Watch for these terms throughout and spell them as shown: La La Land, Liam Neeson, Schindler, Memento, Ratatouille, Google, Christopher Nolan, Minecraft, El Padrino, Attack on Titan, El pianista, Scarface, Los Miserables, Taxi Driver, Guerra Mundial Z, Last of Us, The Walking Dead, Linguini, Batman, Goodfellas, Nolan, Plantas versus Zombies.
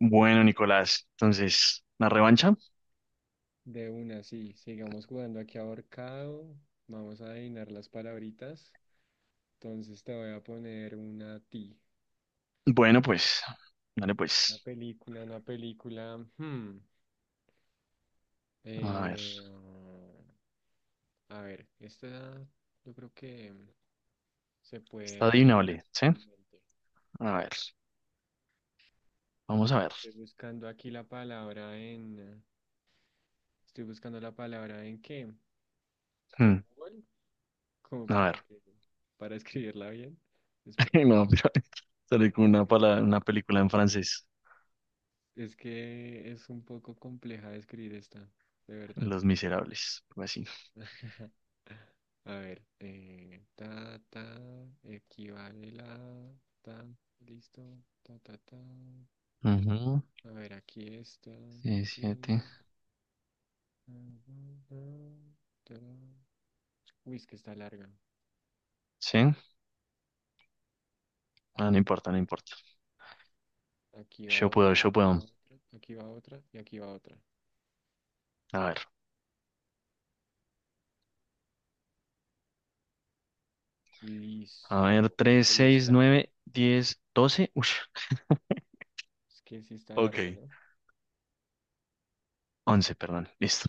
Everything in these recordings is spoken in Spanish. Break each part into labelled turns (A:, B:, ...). A: Bueno, Nicolás, entonces, ¿la revancha?
B: De una, sí. Sigamos jugando aquí ahorcado. Vamos a adivinar las palabritas. Entonces te voy a poner una a ti.
A: Bueno, pues, dale
B: Una
A: pues.
B: película, una película.
A: A ver,
B: Eh, a ver, esta yo creo que se
A: está
B: puede adivinar
A: adivinable, ¿sí?
B: fácilmente.
A: A ver, vamos a ver.
B: Estoy buscando aquí la palabra en... Estoy buscando la palabra en qué? ¿En
A: Hmm,
B: Google? Como
A: a
B: para
A: ver,
B: que... Para escribirla bien. Espera,
A: no, pero sale con
B: porque es una...
A: una película en francés,
B: Es que es un poco compleja de escribir esta, de verdad.
A: Los Miserables, algo así.
B: A ver, ta, ta, equivale la, ta, listo, ta, ta, ta.
A: Ujú,
B: A ver, aquí está.
A: sí, siete.
B: Tin, ta, ta, ta, ta. Uy, es que está larga.
A: ¿Sí? Ah, no importa, no importa.
B: Aquí va
A: Yo puedo,
B: otra,
A: yo
B: aquí
A: puedo.
B: va otra, aquí va otra y aquí va otra.
A: A ver,
B: Listo.
A: a ver, tres,
B: Ahí
A: seis,
B: está.
A: nueve, diez, doce. Ush,
B: Es que sí está larga,
A: ok,
B: ¿no?
A: once, perdón, listo.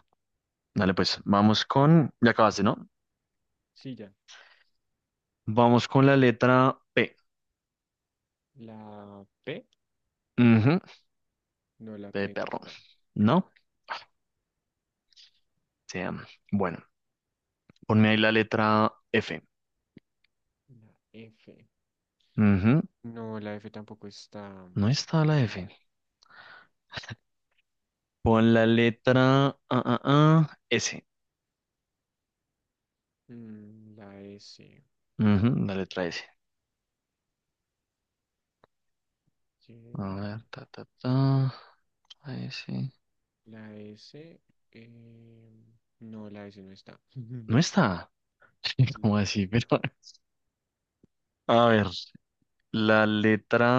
A: Dale pues, vamos con... Ya acabaste, ¿no?
B: Sí, ya.
A: Vamos con la letra P.
B: La P,
A: Ujú,
B: no, la
A: P de
B: P no
A: perro.
B: está.
A: ¿No? Sí. Bueno, ponme ahí la letra F.
B: La F.
A: Ujú,
B: No, la F tampoco está.
A: no está la F. Pon la letra S.
B: Mm, la S.
A: Ujú, la letra S. A
B: Ok.
A: ver, ta, ta, ta. La S.
B: La S. eh, no, la S no está.
A: No está. ¿Cómo
B: No.
A: así? Pero, a ver, la letra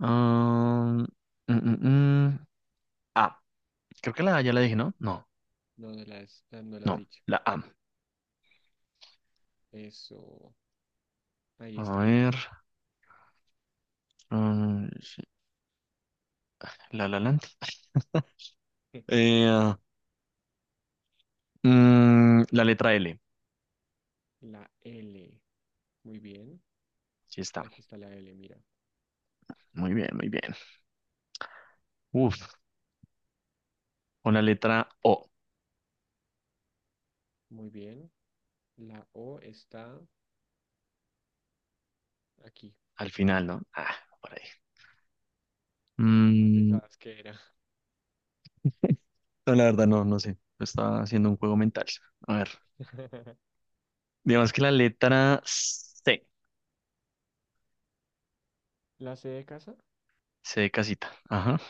A: ah, mm, mm, mm, A. Creo que la A ya
B: Muy
A: la dije,
B: bien.
A: ¿no? No,
B: No, no las, no las has
A: no,
B: dicho.
A: la A.
B: Eso. Ahí
A: A
B: está la
A: ver.
B: A.
A: La La Land. Eh, la letra L.
B: La L. Muy bien.
A: Sí está.
B: Aquí está la L, mira.
A: Muy bien, muy bien. Uf, con la letra O
B: Muy bien. La O está aquí.
A: al final, ¿no? Ah, por ahí.
B: ¿Cuál
A: Mm,
B: pensabas que era?
A: no, la verdad, no, no sé. Lo estaba haciendo un juego mental. A ver. Digamos que la letra C.
B: ¿La C de casa?
A: C de casita. Ajá.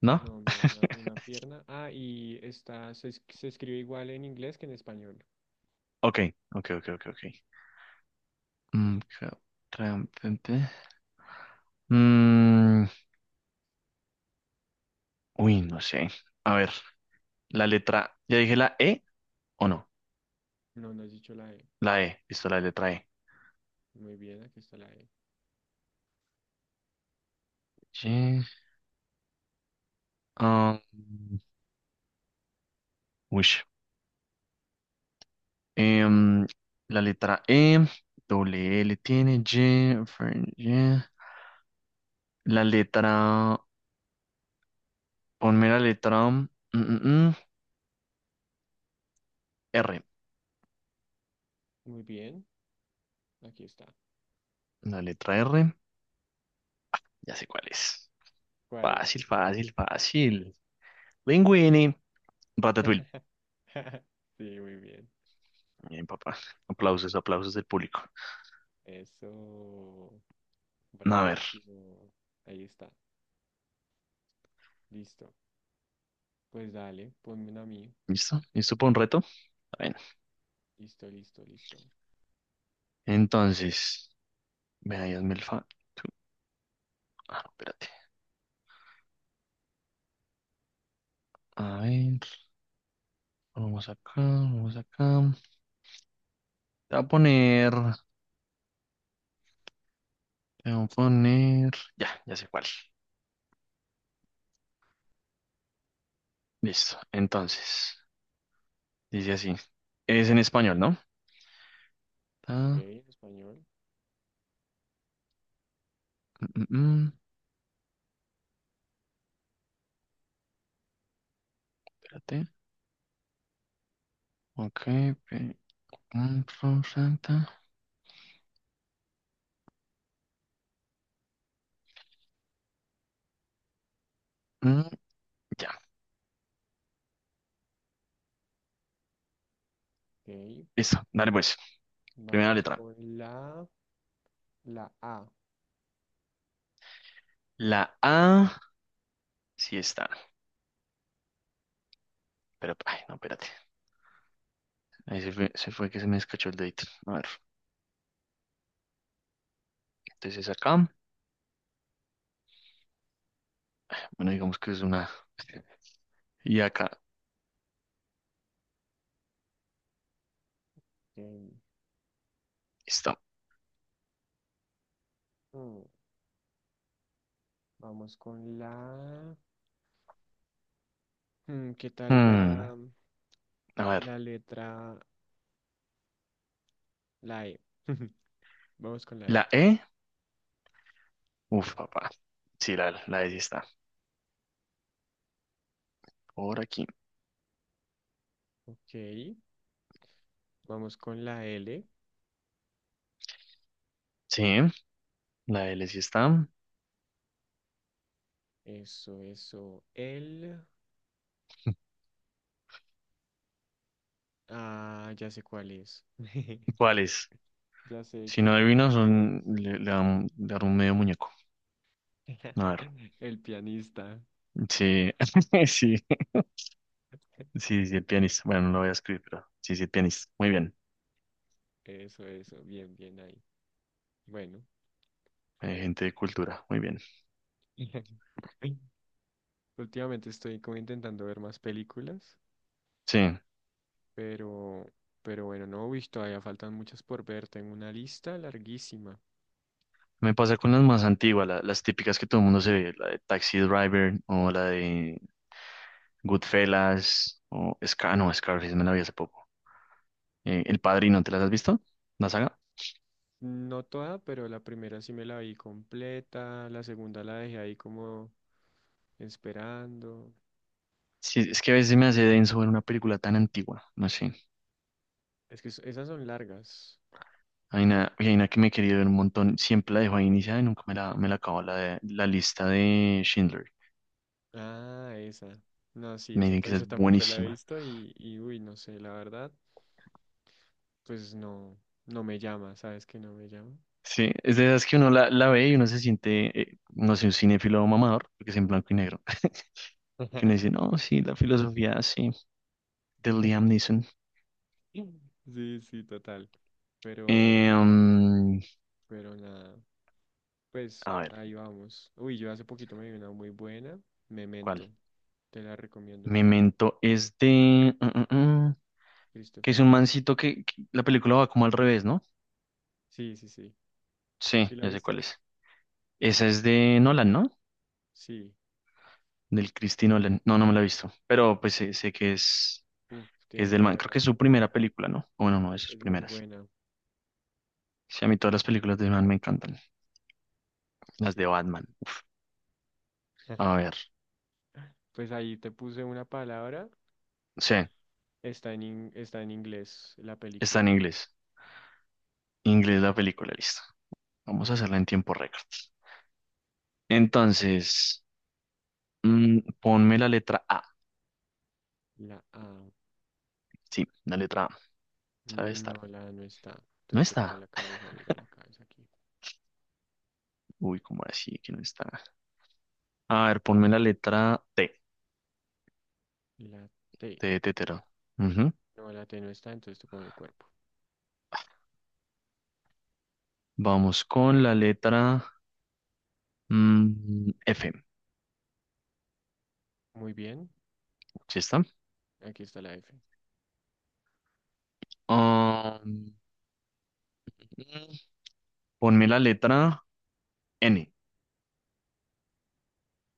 A: ¿No?
B: No, mira, una pierna. Ah, y está, se, se escribe igual en inglés que en español.
A: Ok, ok, ok, ok, ok. Mm, ca- pe. Mm, uy, no sé. A ver, la letra. ¿Ya dije la E o no?
B: No, no has dicho la E.
A: La E. Listo, la letra
B: Muy bien, aquí está la E.
A: E. Ah, uy, em, la letra E, doble L tiene, Y. La letra, ponme la letra mm, mm, R.
B: Muy bien, aquí está.
A: La letra R, ya sé cuál es.
B: ¿Cuál es?
A: Fácil, fácil, fácil. Linguini, Ratatouille.
B: Sí, muy bien.
A: Bien, papá. Aplausos, aplausos del público.
B: Eso,
A: A ver,
B: bravísimo. Ahí está. Listo. Pues dale, ponme una a mí.
A: ¿listo? ¿Listo para un reto? Está bien.
B: Listo, listo, listo. Ok,
A: Entonces, vea, hazme el fa. tú- Ah, no, espérate. A ver, vamos acá, vamos acá. Te voy a poner, te voy a poner, ya, ya sé cuál. Listo. Entonces, dice así. Es en español, ¿no? Ta-
B: en español.
A: mm, mm, mm. Espérate. Ok. pe- mm, ro- ra- ta. Mm, ya.
B: Ok.
A: Listo. Dale pues. Primera
B: Vamos
A: letra.
B: con la, la A.
A: La A sí está. Pero, ay, no, espérate. Ahí se fue que se me escachó el dedito. A ver. Entonces acá. Bueno, digamos que es una. Y acá.
B: Ok.
A: Listo.
B: Mm, vamos con la... mm, ¿qué tal
A: Mm,
B: la...?
A: a ver.
B: La letra, la E. Vamos con la E.
A: La E. Uf, papá. Sí, la E sí está. Por aquí.
B: Ok, vamos con la L.
A: Sí, la L sí está.
B: Eso, eso. El. Ah, ya sé cuál es.
A: ¿Cuáles?
B: Ya sé
A: Si
B: qué
A: no adivino,
B: película
A: son, le dan un medio muñeco.
B: es.
A: A ver.
B: El pianista.
A: Sí, sí, sí, sí, el pianista. Bueno, no lo voy a escribir, pero sí, sí, el pianista. Muy bien.
B: Eso, eso. Bien, bien ahí. Bueno.
A: Gente de cultura, muy bien.
B: Últimamente estoy como intentando ver más películas,
A: Sí,
B: pero, pero bueno, no, uy, todavía faltan muchas por ver. Tengo una lista larguísima.
A: me pasa con las más antiguas, las típicas que todo el mundo se ve, la de Taxi Driver o la de Goodfellas o Scar, no, Scarface me la vi hace poco. El Padrino, ¿te las has visto? ¿La saga?
B: No toda, pero la primera sí me la vi completa, la segunda la dejé ahí como esperando.
A: Sí, es que a veces me hace denso ver una película tan antigua, no sé.
B: Es que esas son largas.
A: Hay una que me he querido ver un montón, siempre la dejo ahí iniciada y nunca me la acabo, la lista de Schindler.
B: Ah, esa. No, sí,
A: Me
B: esa
A: dicen
B: ta-
A: que esa
B: yo
A: es
B: tampoco la he
A: buenísima.
B: visto y uy, no sé, la verdad, pues no, no me llama, ¿sabes que no me llama?
A: Sí, es de esas que uno la ve y uno se siente, no sé, un cinéfilo mamador, porque es en blanco y negro. Que uno dice, no, sí, la filosofía, sí, de Liam Neeson.
B: Sí, sí, total. Pero,
A: Eh, mm,
B: pero nada, pues
A: a ver,
B: ahí vamos. Uy, yo hace poquito me vi una muy buena,
A: ¿cuál?
B: Memento, te la recomiendo,
A: Memento es de... que
B: Christopher
A: es un
B: Nolan.
A: mancito que la película va como al revés, ¿no?
B: Sí, sí, sí.
A: Sí,
B: ¿Sí la
A: ya sé cuál
B: viste?
A: es. Esa es de Nolan, ¿no?
B: Sí.
A: Del Cristino Len. No, no me la he visto, pero pues sé, sé
B: Uf,
A: que es
B: tienes
A: del
B: que
A: man. Creo
B: verla
A: que es su
B: porque
A: primera película, ¿no? O bueno, no, de sus
B: es muy
A: primeras.
B: buena.
A: Sí, a mí todas las películas del man me encantan. Las
B: Sí.
A: de Batman. A ver,
B: Pues ahí te puse una palabra.
A: sí,
B: Está en, está en inglés la
A: está en
B: película.
A: inglés. Inglés la película, listo. Vamos a hacerla en tiempo récord. Entonces, ponme la letra A.
B: La A.
A: Sí, la letra A. ¿Sabe estar?
B: No, la A no está.
A: No
B: Entonces te pongo
A: está.
B: la cabeza. Mira la cabeza aquí.
A: Uy, ¿cómo así que no está? A ver, ponme la letra T.
B: La T.
A: T de tetero. Ujú.
B: No, la T no está. Entonces te pongo el cuerpo.
A: Vamos con la letra F.
B: Muy bien.
A: ¿Sí está?
B: Aquí está la F.
A: Ah, mm, ponme la letra N.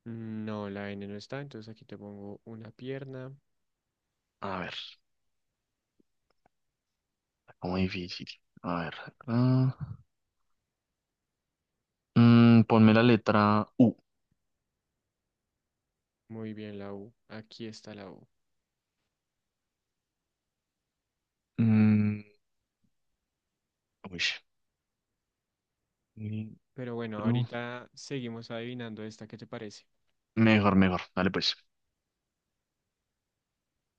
B: No, la N no está. Entonces aquí te pongo una pierna.
A: A ver, está como difícil. A ver, acá. Ponme la letra U.
B: Muy bien, la U. Aquí está la U.
A: Mm, uy,
B: Pero bueno, ahorita seguimos adivinando esta. ¿Qué te parece?
A: mejor, mejor. Dale pues.